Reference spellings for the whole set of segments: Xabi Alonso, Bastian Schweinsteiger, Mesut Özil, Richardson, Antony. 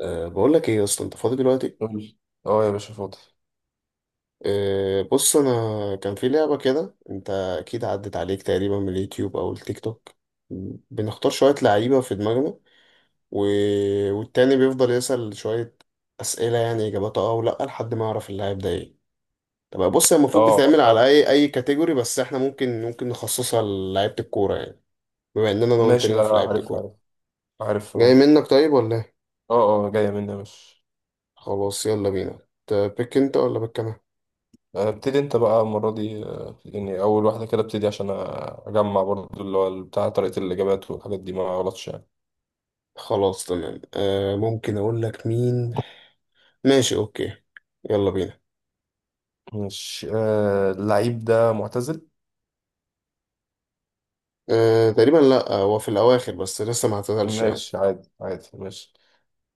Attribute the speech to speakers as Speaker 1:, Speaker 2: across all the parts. Speaker 1: بقول لك ايه يا اسطى، انت فاضي دلوقتي؟
Speaker 2: قول لي. اه يا باشا، فاضي.
Speaker 1: بص انا، كان في لعبه كده انت اكيد عدت عليك تقريبا من اليوتيوب او التيك توك. بنختار شويه لعيبه في دماغنا و... والتاني بيفضل يسأل شويه اسئله، يعني اجاباتها اه ولا، لحد ما يعرف اللاعب ده ايه. طب بص، هي
Speaker 2: اه
Speaker 1: المفروض بتتعمل على
Speaker 2: آه.
Speaker 1: اي اي كاتيجوري، بس احنا ممكن نخصصها للعيبه الكوره يعني، بما اننا انا وانت
Speaker 2: ماشي.
Speaker 1: لينا
Speaker 2: لا
Speaker 1: في
Speaker 2: لا،
Speaker 1: لعيبه
Speaker 2: عارف
Speaker 1: الكوره.
Speaker 2: عارف عارف.
Speaker 1: جاي
Speaker 2: اه.
Speaker 1: منك طيب ولا ايه؟
Speaker 2: اه. اه، جاية مني يا باشا.
Speaker 1: خلاص يلا بينا. تبيك انت ولا بك انا؟
Speaker 2: ابتدي انت بقى المرة دي، يعني أول واحدة كده ابتدي عشان أجمع برضو اللي هو بتاع طريقة الإجابات والحاجات دي، ما غلطش يعني.
Speaker 1: خلاص، تمام. ممكن اقول لك مين. ماشي اوكي، يلا بينا.
Speaker 2: ماشي. اللعيب ده معتزل؟
Speaker 1: تقريبا لا، هو في الاواخر بس لسه ما اعتزلش يعني.
Speaker 2: ماشي، عادي عادي، ماشي.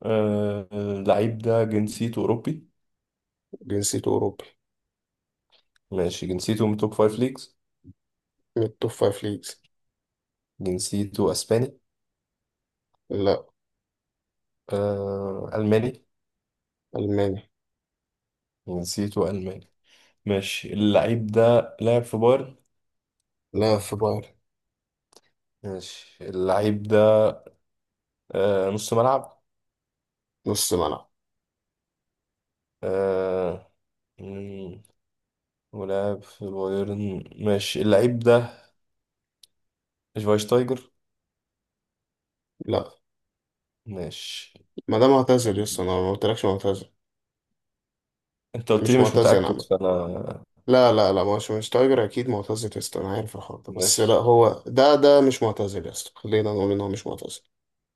Speaker 2: اللعيب ده جنسيته أوروبي؟
Speaker 1: جنسيته اوروبي.
Speaker 2: ماشي، جنسيته من توب فايف ليجز.
Speaker 1: من التوب فايف ليجز.
Speaker 2: جنسيته أسباني؟
Speaker 1: لا.
Speaker 2: ألماني؟
Speaker 1: الماني.
Speaker 2: جنسيته ألماني. ماشي، اللعيب ده لعب في بايرن.
Speaker 1: لا في بايرن.
Speaker 2: ماشي، اللعيب ده نص ملعب.
Speaker 1: نص ملعب.
Speaker 2: آه. مم، ولعب في بايرن. ماشي، اللعيب ده شفايشتايجر.
Speaker 1: لا،
Speaker 2: ماشي.
Speaker 1: ما ده معتزل لسه، انا ما قلتلكش معتزل.
Speaker 2: انت قلت
Speaker 1: مش
Speaker 2: لي مش
Speaker 1: معتزل انا
Speaker 2: متأكد،
Speaker 1: عمد.
Speaker 2: فانا.
Speaker 1: لا لا لا، مش تايجر اكيد معتزل لسه، انا عارف الحوار ده، بس لا
Speaker 2: ماشي،
Speaker 1: هو ده مش معتزل لسه، خلينا نقول ان هو مش معتزل.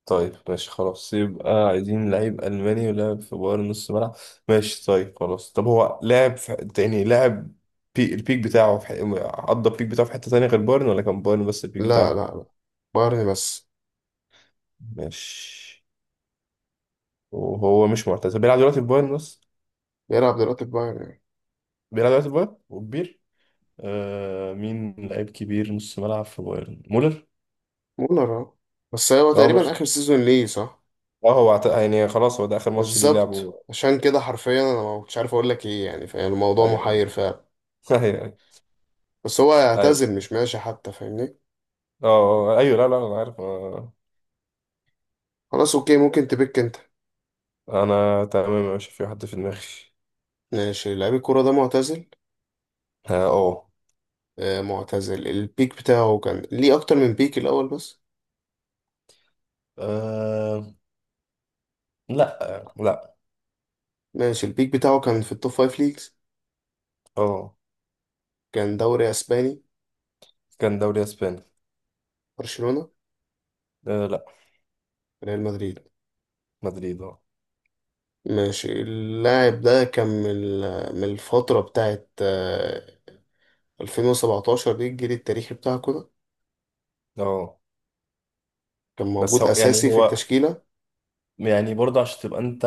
Speaker 2: طيب، ماشي، خلاص، يبقى عايزين لعيب ألماني ولعب في بايرن نص ملعب. ماشي، طيب، خلاص. طب هو لعب في، يعني لعب البيك بتاعه في... قضى البيك بتاعه في حتة تانية غير بايرن، ولا كان بايرن بس البيك
Speaker 1: لا لا
Speaker 2: بتاعه؟
Speaker 1: لا، بايرن بس.
Speaker 2: ماشي. وهو مش معتزل، بيلعب دلوقتي في بايرن بس.
Speaker 1: بيلعب دلوقتي في بايرن.
Speaker 2: بيلعب دلوقتي في بايرن وكبير. مين لعيب كبير نص ملعب في بايرن؟ مولر.
Speaker 1: مونر اه. بس هو
Speaker 2: اه،
Speaker 1: تقريبا
Speaker 2: مش،
Speaker 1: اخر سيزون ليه، صح؟
Speaker 2: اه، يعني خلاص هو ده اخر ماتش ليه
Speaker 1: بالظبط،
Speaker 2: لعبه.
Speaker 1: عشان كده حرفيا انا ما كنتش عارف اقول لك ايه، يعني فاهم، الموضوع
Speaker 2: ايوه.
Speaker 1: محير فعلا.
Speaker 2: ايوه ايوه.
Speaker 1: بس هو
Speaker 2: ايوه.
Speaker 1: هيعتزل، مش ماشي حتى، فاهمني؟
Speaker 2: اه ايوه. لا لا انا عارف.
Speaker 1: خلاص اوكي، ممكن تبيك انت.
Speaker 2: انا تمام، مش في حد في دماغي.
Speaker 1: ماشي، لعيب الكوره ده معتزل.
Speaker 2: اه. اه.
Speaker 1: معتزل. البيك بتاعه كان ليه اكتر من بيك الاول بس؟
Speaker 2: آه، لا لا.
Speaker 1: ماشي، البيك بتاعه كان في التوب فايف ليجز.
Speaker 2: اه.
Speaker 1: كان دوري اسباني.
Speaker 2: كان دوري اسباني.
Speaker 1: برشلونة.
Speaker 2: لا.
Speaker 1: ريال مدريد.
Speaker 2: مدريد، اه.
Speaker 1: ماشي، اللاعب ده كان من من الفترة بتاعت 2017، دي الجيل التاريخي بتاعكم ده.
Speaker 2: اه،
Speaker 1: كان
Speaker 2: بس
Speaker 1: موجود
Speaker 2: هو، يعني
Speaker 1: أساسي في
Speaker 2: هو،
Speaker 1: التشكيلة.
Speaker 2: يعني برضه عشان تبقى انت،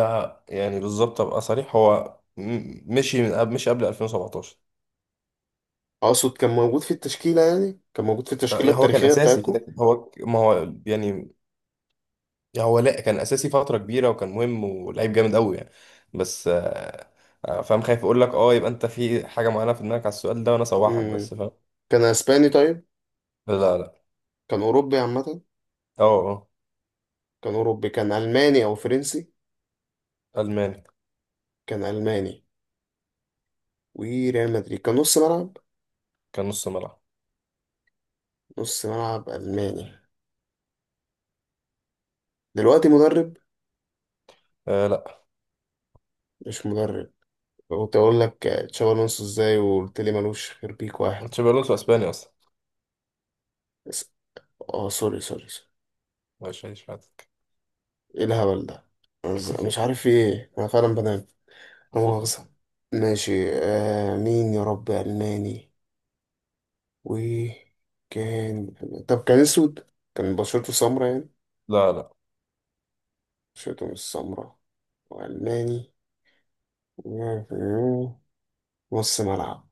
Speaker 2: يعني بالظبط ابقى صريح، هو مشي من قبل، مشي قبل 2017.
Speaker 1: أقصد كان موجود في التشكيلة، يعني كان موجود في التشكيلة
Speaker 2: يعني هو كان
Speaker 1: التاريخية
Speaker 2: اساسي كده
Speaker 1: بتاعتكم.
Speaker 2: كده. هو ما هو، يعني، يعني هو لا، كان اساسي فتره كبيره وكان مهم ولعيب جامد قوي يعني. بس فاهم، خايف اقول لك اه يبقى انت في حاجه معينه في دماغك على السؤال ده وانا صوحك،
Speaker 1: مم.
Speaker 2: بس فاهم.
Speaker 1: كان أسباني طيب؟
Speaker 2: لا لا.
Speaker 1: كان أوروبي عامة؟
Speaker 2: اه. اه.
Speaker 1: كان أوروبي، كان ألماني أو فرنسي؟
Speaker 2: الماني.
Speaker 1: كان ألماني. وريال مدريد كان نص ملعب.
Speaker 2: كان نص ملعب.
Speaker 1: نص ملعب ألماني. دلوقتي مدرب؟
Speaker 2: لا.
Speaker 1: مش مدرب. كنت أقول لك تشابي ألونسو إزاي وقلت لي ملوش غير بيك واحد
Speaker 2: تشابي الونسو اسباني اصلا.
Speaker 1: بس. سوري.
Speaker 2: مش هيش.
Speaker 1: إيه الهبل ده؟ مش عارف في إيه، أنا فعلا بنام. لا مؤاخذة. ماشي، مين يا رب ألماني وكان. طب كان أسود؟ كان بشرته سمرا يعني؟
Speaker 2: لا لا.
Speaker 1: بشرته مش سمرا وألماني، نص ملعب.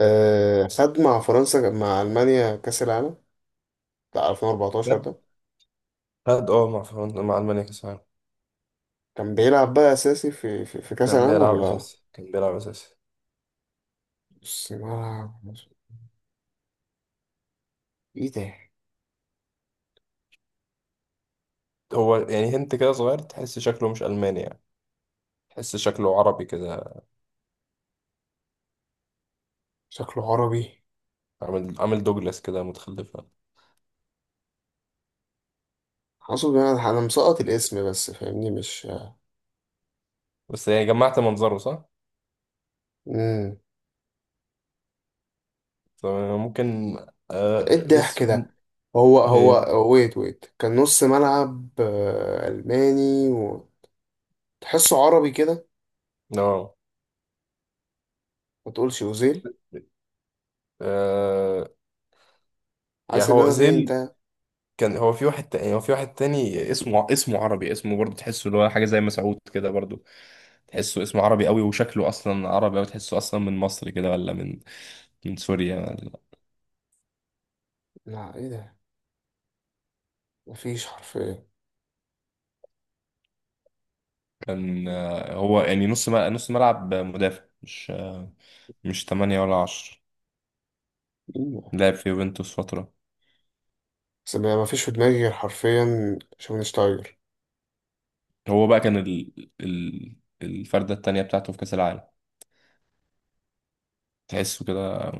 Speaker 1: خد مع فرنسا، مع ألمانيا، كأس العالم بتاع 2014
Speaker 2: خد.
Speaker 1: ده.
Speaker 2: خد اه مع فرنسا مع المانيا كاس.
Speaker 1: كان بيلعب بقى أساسي في كأس
Speaker 2: كان
Speaker 1: العالم
Speaker 2: بيلعب
Speaker 1: ولا؟
Speaker 2: اساسي، كان بيلعب اساسي.
Speaker 1: نص ملعب. إيه ده؟
Speaker 2: هو يعني هنت كده صغير، تحس شكله مش الماني يعني. تحس شكله عربي كده.
Speaker 1: شكله عربي؟
Speaker 2: عامل دوجلاس كده متخلفه.
Speaker 1: حاسه بقى أنا مسقط الاسم، بس فاهمني، مش
Speaker 2: بس يعني جمعت منظره صح،
Speaker 1: مم.
Speaker 2: فممكن. آه.
Speaker 1: ايه الضحك
Speaker 2: اسم.
Speaker 1: ده؟ هو
Speaker 2: ايه.
Speaker 1: ويت كان نص ملعب، الماني، وتحسه عربي كده.
Speaker 2: اه
Speaker 1: ما تقولش اوزيل.
Speaker 2: آه، يعني
Speaker 1: حاسس ان
Speaker 2: هو
Speaker 1: انا فين
Speaker 2: اوزيل؟
Speaker 1: انت.
Speaker 2: كان، هو في واحد تاني اسمه، اسمه عربي، اسمه برضه تحسه اللي هو حاجه زي مسعود كده برضه. تحسه اسمه عربي قوي وشكله اصلا عربي أوي، تحسه اصلا من مصر كده ولا من من سوريا.
Speaker 1: لا ايه ده، مفيش حرفيا.
Speaker 2: كان هو يعني نص ملعب، نص ملعب مدافع مش مش 8 ولا 10.
Speaker 1: مين ده؟
Speaker 2: لعب في يوفنتوس فترة.
Speaker 1: بس ما مفيش في دماغي غير حرفيا شوفنشتايجر.
Speaker 2: هو بقى كان الفردة التانية بتاعته في كأس العالم. تحسه كده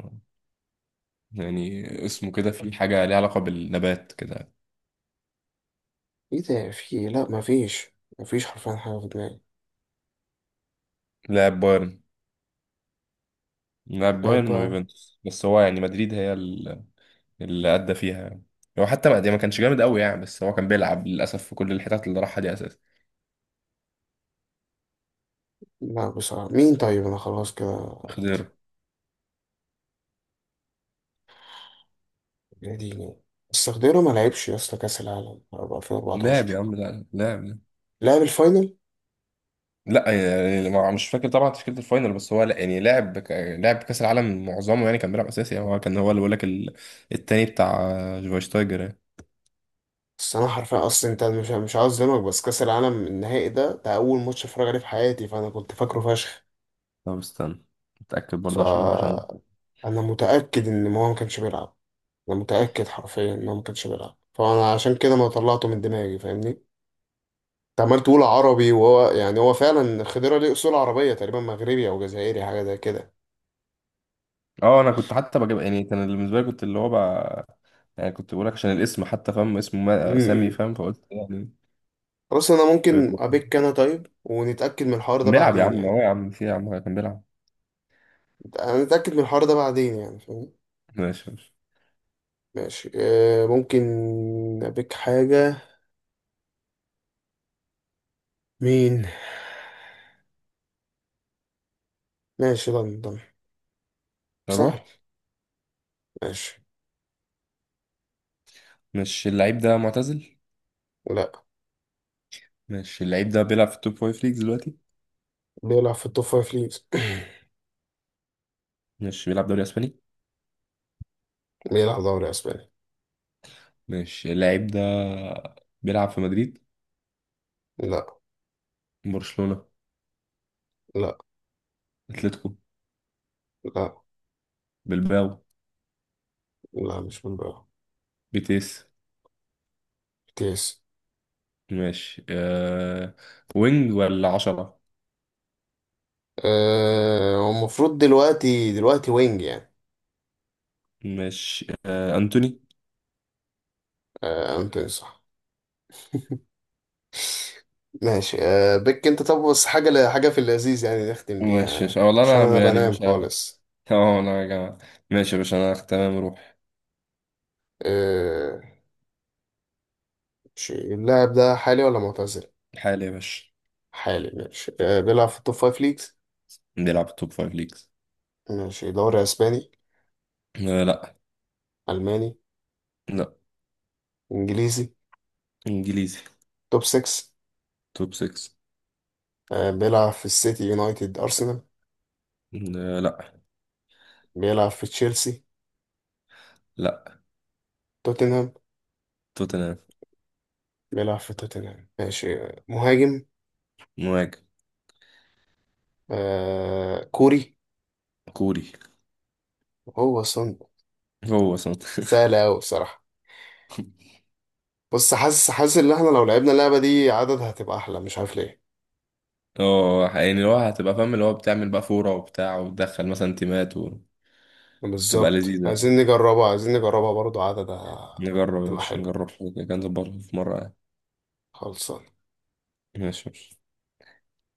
Speaker 2: يعني اسمه كده في حاجة ليها علاقة بالنبات كده.
Speaker 1: ايه ده، في إيه؟ لا مفيش، مفيش حرفيا حاجه في دماغي.
Speaker 2: لاعب بايرن. لاعب
Speaker 1: لا
Speaker 2: بايرن
Speaker 1: بار.
Speaker 2: ويوفنتوس، بس هو يعني مدريد هي اللي أدى فيها يعني. هو حتى ما يعني، ما كانش جامد قوي يعني، بس هو كان بيلعب للأسف في كل الحتات اللي راحها دي أساسا.
Speaker 1: لا بصراحه، مين طيب، انا خلاص كده.
Speaker 2: خضيره.
Speaker 1: يا ديني. بس خضيره ما لعبش يا اسطى كاس العالم
Speaker 2: لاعب يا
Speaker 1: 2014.
Speaker 2: عم، لا لاعب.
Speaker 1: لعب الفاينل؟
Speaker 2: لا، يعني مش فاكر طبعا تشكيله الفاينل، بس هو لا يعني لعب لعب كاس العالم معظمه يعني، كان بيلعب اساسي يعني، هو كان هو اللي بقول لك التاني بتاع شفايشتايجر يعني.
Speaker 1: بس انا حرفيا اصلا، انت مش، مش عاوز اظلمك، بس كاس العالم النهائي ده، ده اول ماتش اتفرج عليه في حياتي، فانا كنت فاكره فشخ.
Speaker 2: طب استنى، اتاكد برضه عشان مبقاش انا.
Speaker 1: فانا متاكد ان هو ما كانش بيلعب. انا متاكد حرفيا ان هو ما كانش بيلعب، فانا عشان كده ما طلعته من دماغي، فاهمني؟ انت عمال تقول عربي، وهو يعني هو فعلا خضيره ليه اصول عربيه، تقريبا مغربي او جزائري حاجه زي كده.
Speaker 2: اه انا كنت حتى بجيب يعني، كان اللي بالنسبه لي كنت اللي هو بقى، يعني كنت بقول لك عشان الاسم حتى، فاهم اسمه
Speaker 1: امم
Speaker 2: سامي،
Speaker 1: امم.
Speaker 2: فاهم، فقلت يعني.
Speaker 1: خلاص، انا
Speaker 2: خير.
Speaker 1: ممكن
Speaker 2: كان
Speaker 1: ابيك انا طيب ونتاكد من الحوار ده
Speaker 2: بيلعب يا
Speaker 1: بعدين
Speaker 2: عم،
Speaker 1: يعني.
Speaker 2: هو يا عم، في يا عم كان بيلعب.
Speaker 1: هنتاكد من الحوار ده بعدين، يعني فاهم.
Speaker 2: ماشي ماشي.
Speaker 1: ماشي، ممكن أبيك حاجة. مين؟ ماشي، لندن.
Speaker 2: اروح.
Speaker 1: سهل. ماشي.
Speaker 2: مش اللعيب ده معتزل؟
Speaker 1: لا.
Speaker 2: مش اللعيب ده بيلعب في التوب فايف ليجز دلوقتي؟
Speaker 1: بيلعب في التوب فايف ليجز.
Speaker 2: مش بيلعب دوري اسباني؟
Speaker 1: بيلعب دوري أسباني.
Speaker 2: ماشي، اللعيب ده بيلعب في مدريد؟
Speaker 1: لا.
Speaker 2: برشلونة؟
Speaker 1: لا.
Speaker 2: اتلتيكو؟
Speaker 1: لا.
Speaker 2: بلباو؟
Speaker 1: لا مش بالبيلعب.
Speaker 2: بيتيس؟
Speaker 1: كيس.
Speaker 2: ماشي. وينج ولا عشرة؟
Speaker 1: هو المفروض دلوقتي دلوقتي وينج يعني.
Speaker 2: ماشي. أنتوني؟
Speaker 1: أنتوني صح. ماشي، بيك أنت، طب بس حاجة حاجة في اللذيذ يعني، نختم
Speaker 2: ماشي ماشي
Speaker 1: بيها
Speaker 2: والله،
Speaker 1: عشان أنا
Speaker 2: أنا يعني
Speaker 1: بنام
Speaker 2: مش ه-
Speaker 1: خالص.
Speaker 2: اه أنا يا جماعة. ماشي يا باشا، أنا تمام، روح.
Speaker 1: آه، ماشي، اللاعب ده حالي ولا معتزل؟
Speaker 2: حالي يا باشا.
Speaker 1: حالي. ماشي، بيلعب في التوب فايف ليجز.
Speaker 2: بيلعب في توب فايف ليجز.
Speaker 1: ماشي، دوري اسباني؟
Speaker 2: أه لا.
Speaker 1: الماني؟
Speaker 2: لا.
Speaker 1: انجليزي.
Speaker 2: إنجليزي.
Speaker 1: توب 6.
Speaker 2: توب 6.
Speaker 1: بيلعب في السيتي، يونايتد، ارسنال؟
Speaker 2: أه لا.
Speaker 1: بيلعب في تشيلسي؟
Speaker 2: لا.
Speaker 1: توتنهام.
Speaker 2: توتنهام.
Speaker 1: بيلعب في توتنهام. ماشي، مهاجم.
Speaker 2: مهاجم.
Speaker 1: آه كوري.
Speaker 2: كوري.
Speaker 1: هو سون.
Speaker 2: هو صوت.
Speaker 1: سهل قوي بصراحة. بص، حاسس، حاسس ان احنا لو لعبنا اللعبة دي عدد هتبقى احلى، مش عارف ليه.
Speaker 2: اه يعني اللي هو هتبقى فاهم، اللي هو بتعمل بقى فورة وبتاع وتدخل مثلا تيمات وتبقى
Speaker 1: بالظبط،
Speaker 2: لذيذة.
Speaker 1: عايزين نجربها، عايزين نجربها برضو عدد.
Speaker 2: نجرب
Speaker 1: تبقى
Speaker 2: مش
Speaker 1: حلو.
Speaker 2: نجرب حاجة كده، نظبطها في مرة يعني.
Speaker 1: خلاص
Speaker 2: ماشي